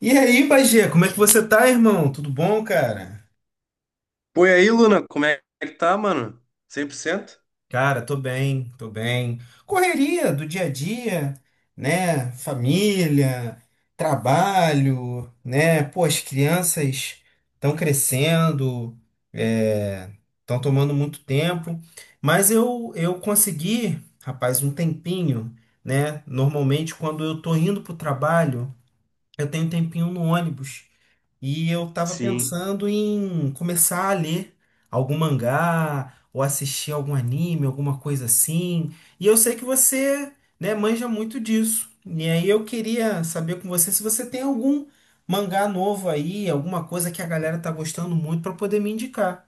E aí, Bagê, como é que você tá, irmão? Tudo bom, cara? Pô, e aí, Luna, como é que tá, mano? Cem por cento? Cara, tô bem, tô bem. Correria do dia a dia, né? Família, trabalho, né? Pô, as crianças estão crescendo, estão tomando muito tempo, mas eu consegui, rapaz, um tempinho, né? Normalmente, quando eu tô indo pro trabalho, eu tenho um tempinho no ônibus. E eu tava Sim. pensando em começar a ler algum mangá ou assistir algum anime, alguma coisa assim. E eu sei que você, né, manja muito disso. E aí eu queria saber com você se você tem algum mangá novo aí, alguma coisa que a galera tá gostando muito para poder me indicar.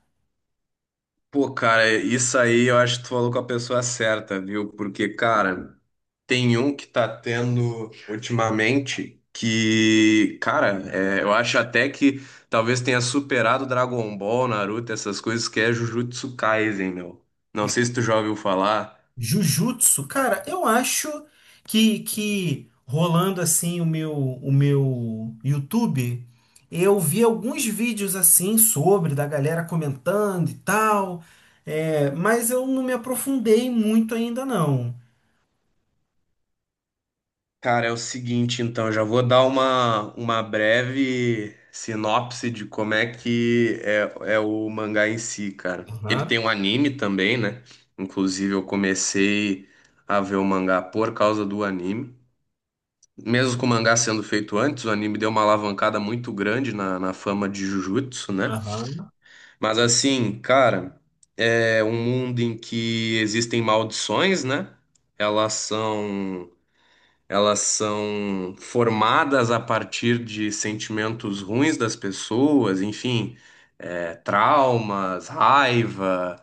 Pô, cara, isso aí eu acho que tu falou com a pessoa certa, viu? Porque, cara, tem um que tá tendo ultimamente que, cara, eu acho até que talvez tenha superado Dragon Ball, Naruto, essas coisas, que é Jujutsu Kaisen, meu. Não sei se tu já ouviu falar. Jujutsu, cara, eu acho que rolando assim o meu YouTube, eu vi alguns vídeos assim sobre da galera comentando e tal, é, mas eu não me aprofundei muito ainda não. Cara, é o seguinte, então, já vou dar uma breve sinopse de como é que é, é o mangá em si, cara. Ele Aham, tem um anime também, né? Inclusive, eu comecei a ver o mangá por causa do anime. Mesmo com o mangá sendo feito antes, o anime deu uma alavancada muito grande na fama de Jujutsu, né? aham, Mas assim, cara, é um mundo em que existem maldições, né? Elas são elas são formadas a partir de sentimentos ruins das pessoas. Enfim, traumas, raiva,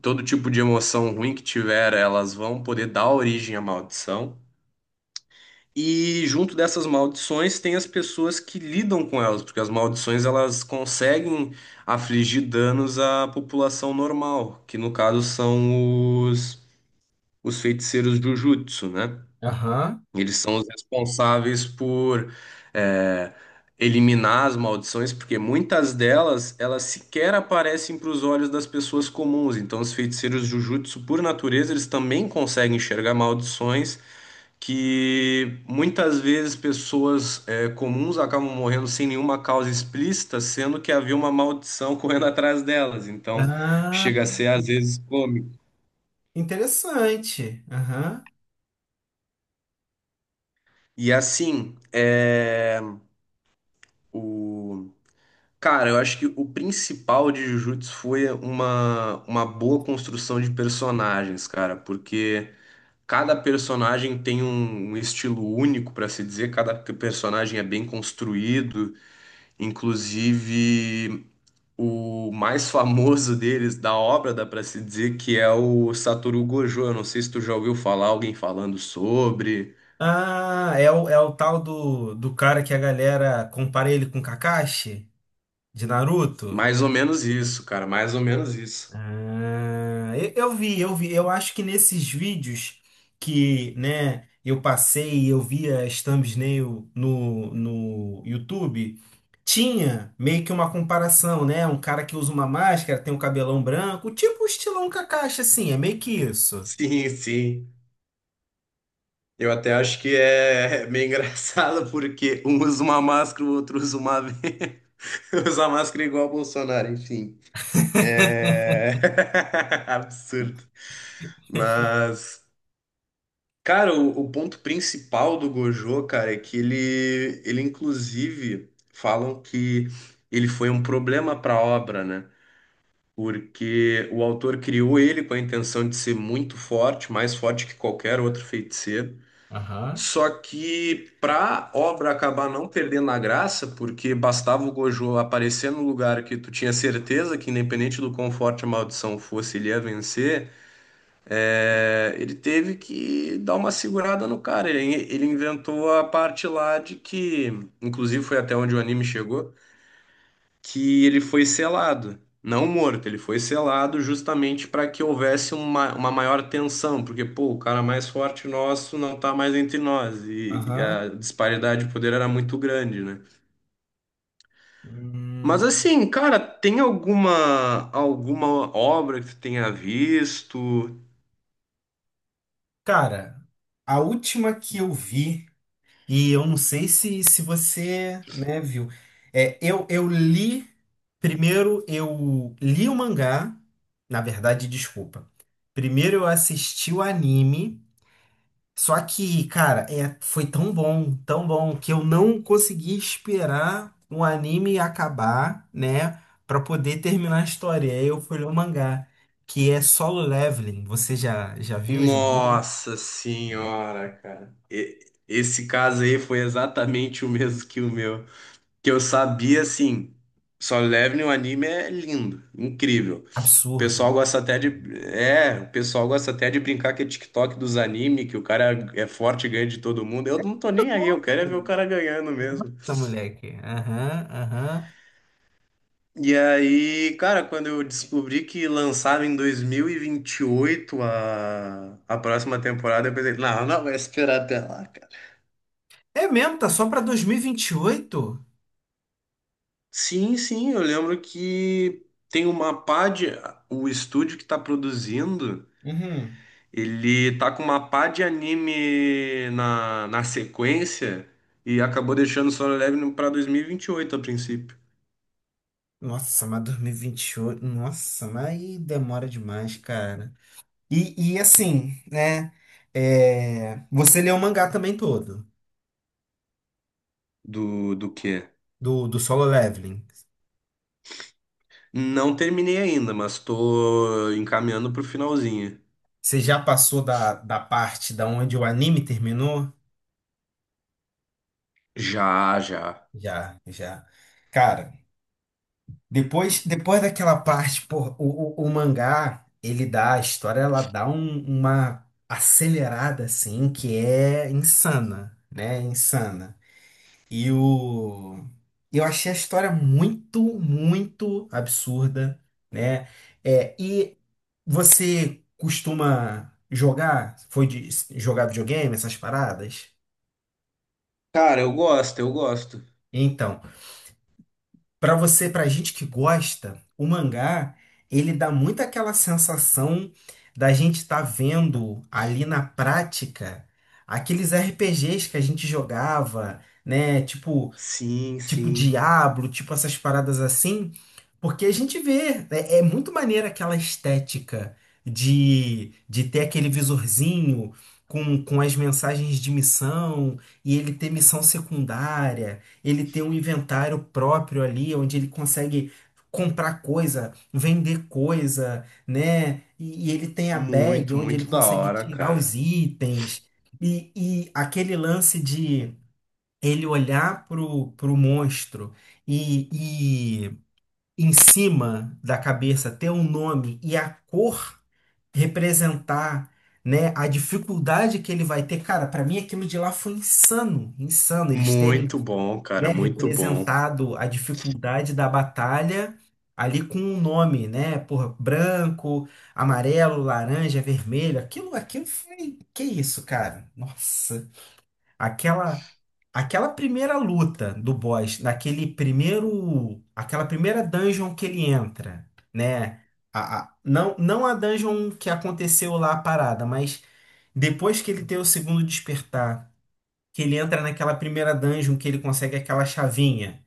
todo tipo de emoção ruim que tiver, elas vão poder dar origem à maldição. E junto dessas maldições tem as pessoas que lidam com elas, porque as maldições elas conseguem afligir danos à população normal, que no caso são os feiticeiros Jujutsu, né? aham. Eles são os responsáveis por é, eliminar as maldições, porque muitas delas elas sequer aparecem para os olhos das pessoas comuns. Então, os feiticeiros Jujutsu, por natureza, eles também conseguem enxergar maldições que muitas vezes pessoas comuns acabam morrendo sem nenhuma causa explícita, sendo que havia uma maldição correndo atrás delas. Então, Ah, chega a ser às vezes cômico. interessante. Aham. E assim, é, o Cara, eu acho que o principal de Jujutsu foi uma boa construção de personagens, cara, porque cada personagem tem um estilo único para se dizer, cada personagem é bem construído, inclusive o mais famoso deles, da obra, dá para se dizer, que é o Satoru Gojo. Eu não sei se tu já ouviu falar alguém falando sobre. Ah, é o tal do cara que a galera compara ele com Kakashi de Naruto? Mais ou menos isso, cara, mais ou menos isso. Ah, eu vi, eu vi. Eu acho que nesses vídeos que, né, eu passei e eu via as thumbnail no YouTube, tinha meio que uma comparação, né? Um cara que usa uma máscara, tem um cabelão branco, tipo o estilão Kakashi, assim, é meio que isso. Sim, sim. Eu até acho que é meio engraçado porque um usa uma máscara, o outro usa uma venda. Usa máscara igual o Bolsonaro, enfim. É absurdo. Mas, cara, o ponto principal do Gojo, cara, é que ele inclusive falam que ele foi um problema para a obra, né? Porque o autor criou ele com a intenção de ser muito forte, mais forte que qualquer outro feiticeiro. Aham. Só que pra obra acabar não perdendo a graça, porque bastava o Gojo aparecer no lugar que tu tinha certeza que, independente do quão forte a maldição fosse, ele ia vencer, ele teve que dar uma segurada no cara. Ele inventou a parte lá de que, inclusive foi até onde o anime chegou, que ele foi selado. Não morto, ele foi selado justamente para que houvesse uma maior tensão, porque, pô, o cara mais forte nosso não está mais entre nós, e, a Aham. disparidade de poder era muito grande, né? Mas Hum, assim, cara, tem alguma obra que tu tenha visto? Cara, a última que eu vi. E eu não sei se você, né, viu. É, eu li. Primeiro eu li o mangá. Na verdade, desculpa. Primeiro eu assisti o anime. Só que, cara, é, foi tão bom, que eu não consegui esperar o anime acabar, né? Pra poder terminar a história. Aí eu fui ler o mangá, que é Solo Leveling. Você já viu? Já leu? Nossa É. senhora, cara. Esse caso aí foi exatamente o mesmo que o meu, que eu sabia assim, só leve no anime é lindo, incrível. O Absurdo. pessoal gosta até de. É, o pessoal gosta até de brincar que é TikTok dos anime, que o cara é forte e ganha de todo mundo. Eu não tô Muito nem aí, eu quero é ver bom. o cara ganhando mesmo. Tá, moleque. Aham, aham. E aí, cara, quando eu descobri que lançava em dois mil e vinte e oito a próxima temporada, eu pensei, não, não vai esperar até lá, cara. É mesmo, tá só pra 2028? Sim, sim, eu lembro que tem uma pá de. O estúdio que tá produzindo. Uhum. Ele tá com uma pá de anime na sequência e acabou deixando Solo Leveling pra 2028, a princípio. Nossa, mas dois mil e vinte e oito, nossa, mas aí demora demais, cara. E assim, né? É, você leu o mangá também todo, Do quê? do Solo Leveling. Não terminei ainda, mas tô encaminhando pro finalzinho. Você já passou da parte da onde o anime terminou? Já, já. Já, já. Cara. Depois, depois daquela parte, pô, o mangá, ele dá, a história, ela dá uma acelerada, assim, que é insana, né? Insana. E o... Eu achei a história muito, muito absurda, né? É, e você costuma jogar? Foi de jogar videogame, essas paradas? Cara, eu gosto. Então, para você, pra gente que gosta, o mangá, ele dá muito aquela sensação da gente estar vendo ali na prática aqueles RPGs que a gente jogava, né? Tipo Sim, tipo sim. Diablo, tipo essas paradas assim, porque a gente vê, é muito maneira aquela estética de ter aquele visorzinho com as mensagens de missão, e ele ter missão secundária, ele ter um inventário próprio ali, onde ele consegue comprar coisa, vender coisa, né? E ele tem a bag, Muito, onde ele muito da consegue hora, tirar cara. os itens, e aquele lance ele olhar pro monstro e, e em cima da cabeça ter um nome e a cor representar, né, a dificuldade que ele vai ter. Cara, para mim aquilo de lá foi insano, insano eles terem, Muito bom, cara, né, muito bom. representado a dificuldade da batalha ali com um nome, né? Porra, branco, amarelo, laranja, vermelho. Aquilo, aquilo foi, que isso, cara? Nossa. Aquela aquela primeira luta do boss, naquele primeiro, aquela primeira dungeon que ele entra, né? Não, não a dungeon que aconteceu lá a parada, mas depois que ele tem o segundo despertar, que ele entra naquela primeira dungeon que ele consegue aquela chavinha,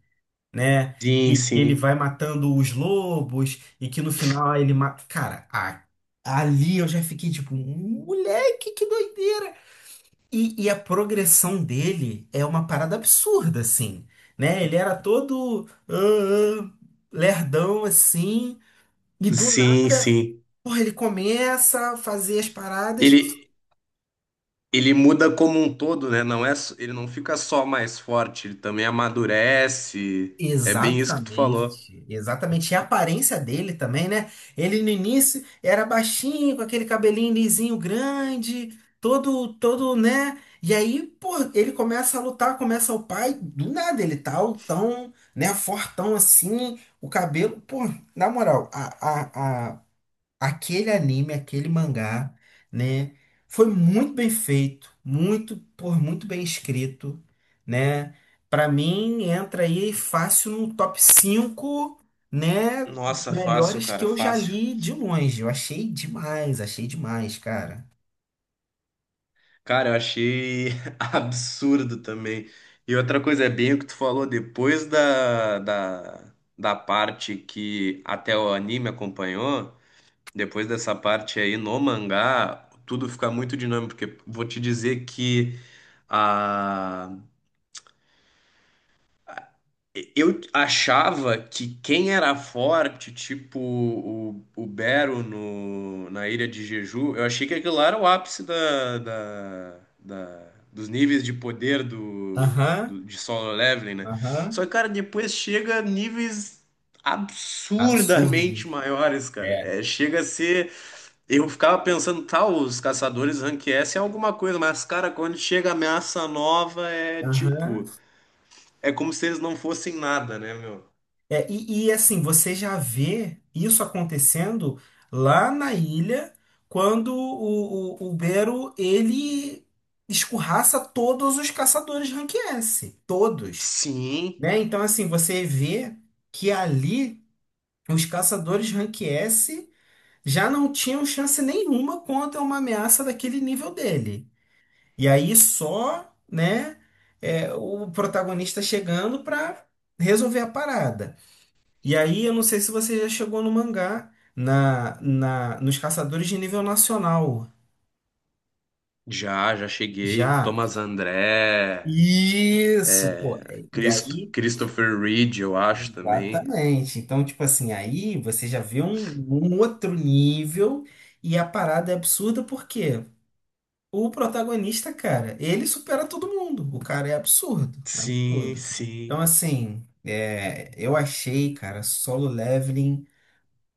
né? Sim, E que ele sim. vai matando os lobos e que no final ele mata. Cara, ali eu já fiquei tipo, moleque, que doideira! E a progressão dele é uma parada absurda, assim, né? Ele era todo ah, lerdão, assim, e do Sim, nada, sim. porra, ele começa a fazer as paradas. Ele. Ele muda como um todo, né? Não é, ele não fica só mais forte, ele também amadurece. É bem isso que tu falou. Exatamente, exatamente. E a aparência dele também, né? Ele no início era baixinho, com aquele cabelinho lisinho grande, todo, todo, né? E aí, pô, ele começa a lutar, começa o pai, do nada ele tá altão, né? Fortão assim, o cabelo. Pô, na moral, a aquele anime, aquele mangá, né? Foi muito bem feito, muito, por muito bem escrito, né? Para mim entra aí fácil no top cinco, né, Nossa, melhores que eu já fácil. li de longe. Eu achei demais, cara. Cara, eu achei absurdo também. E outra coisa, é bem o que tu falou, depois da parte que até o anime acompanhou, depois dessa parte aí no mangá, tudo fica muito dinâmico, porque vou te dizer que a eu achava que quem era forte, tipo o Bero no, na Ilha de Jeju, eu achei que aquilo lá era o ápice dos níveis de poder Aham, de Solo Leveling, né? Só aham. que, cara, depois chega a níveis Absurdo. absurdamente maiores, cara. É. É, chega a ser. Eu ficava pensando, tá, os caçadores rank S é alguma coisa, mas, cara, quando chega ameaça nova, é Aham. tipo. É como se eles não fossem nada, né, meu? É, assim, você já vê isso acontecendo lá na ilha, quando o Bero, ele escorraça todos os caçadores rank S, todos, Sim, né? Então, assim, você vê que ali os caçadores rank S já não tinham chance nenhuma contra uma ameaça daquele nível dele. E aí só, né, é, o protagonista chegando para resolver a parada. E aí, eu não sei se você já chegou no mangá, nos caçadores de nível nacional. já, já cheguei. Já. Thomas André, Isso, pô. É, e aí, Christopher Reed, eu acho também. exatamente. Então, tipo assim, aí você já vê um outro nível e a parada é absurda porque o protagonista, cara, ele supera todo mundo. O cara é absurdo, Sim, absurdo. Então, sim. assim, é, eu achei, cara, Solo Leveling.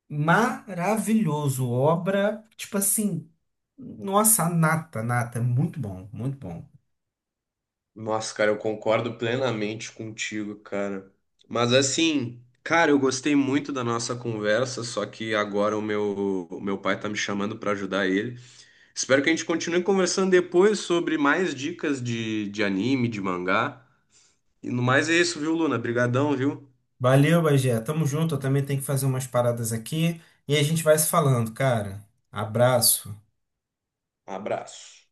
Maravilhoso, obra, tipo assim, nossa, nata, nata, é muito bom, muito bom. Nossa, cara, eu concordo plenamente contigo, cara. Mas assim, cara, eu gostei muito da nossa conversa, só que agora o meu pai tá me chamando pra ajudar ele. Espero que a gente continue conversando depois sobre mais dicas de anime, de mangá. E no mais é isso, viu, Luna? Brigadão, viu? Valeu, Bagé, tamo junto, eu também tenho que fazer umas paradas aqui e a gente vai se falando, cara. Abraço. Abraço.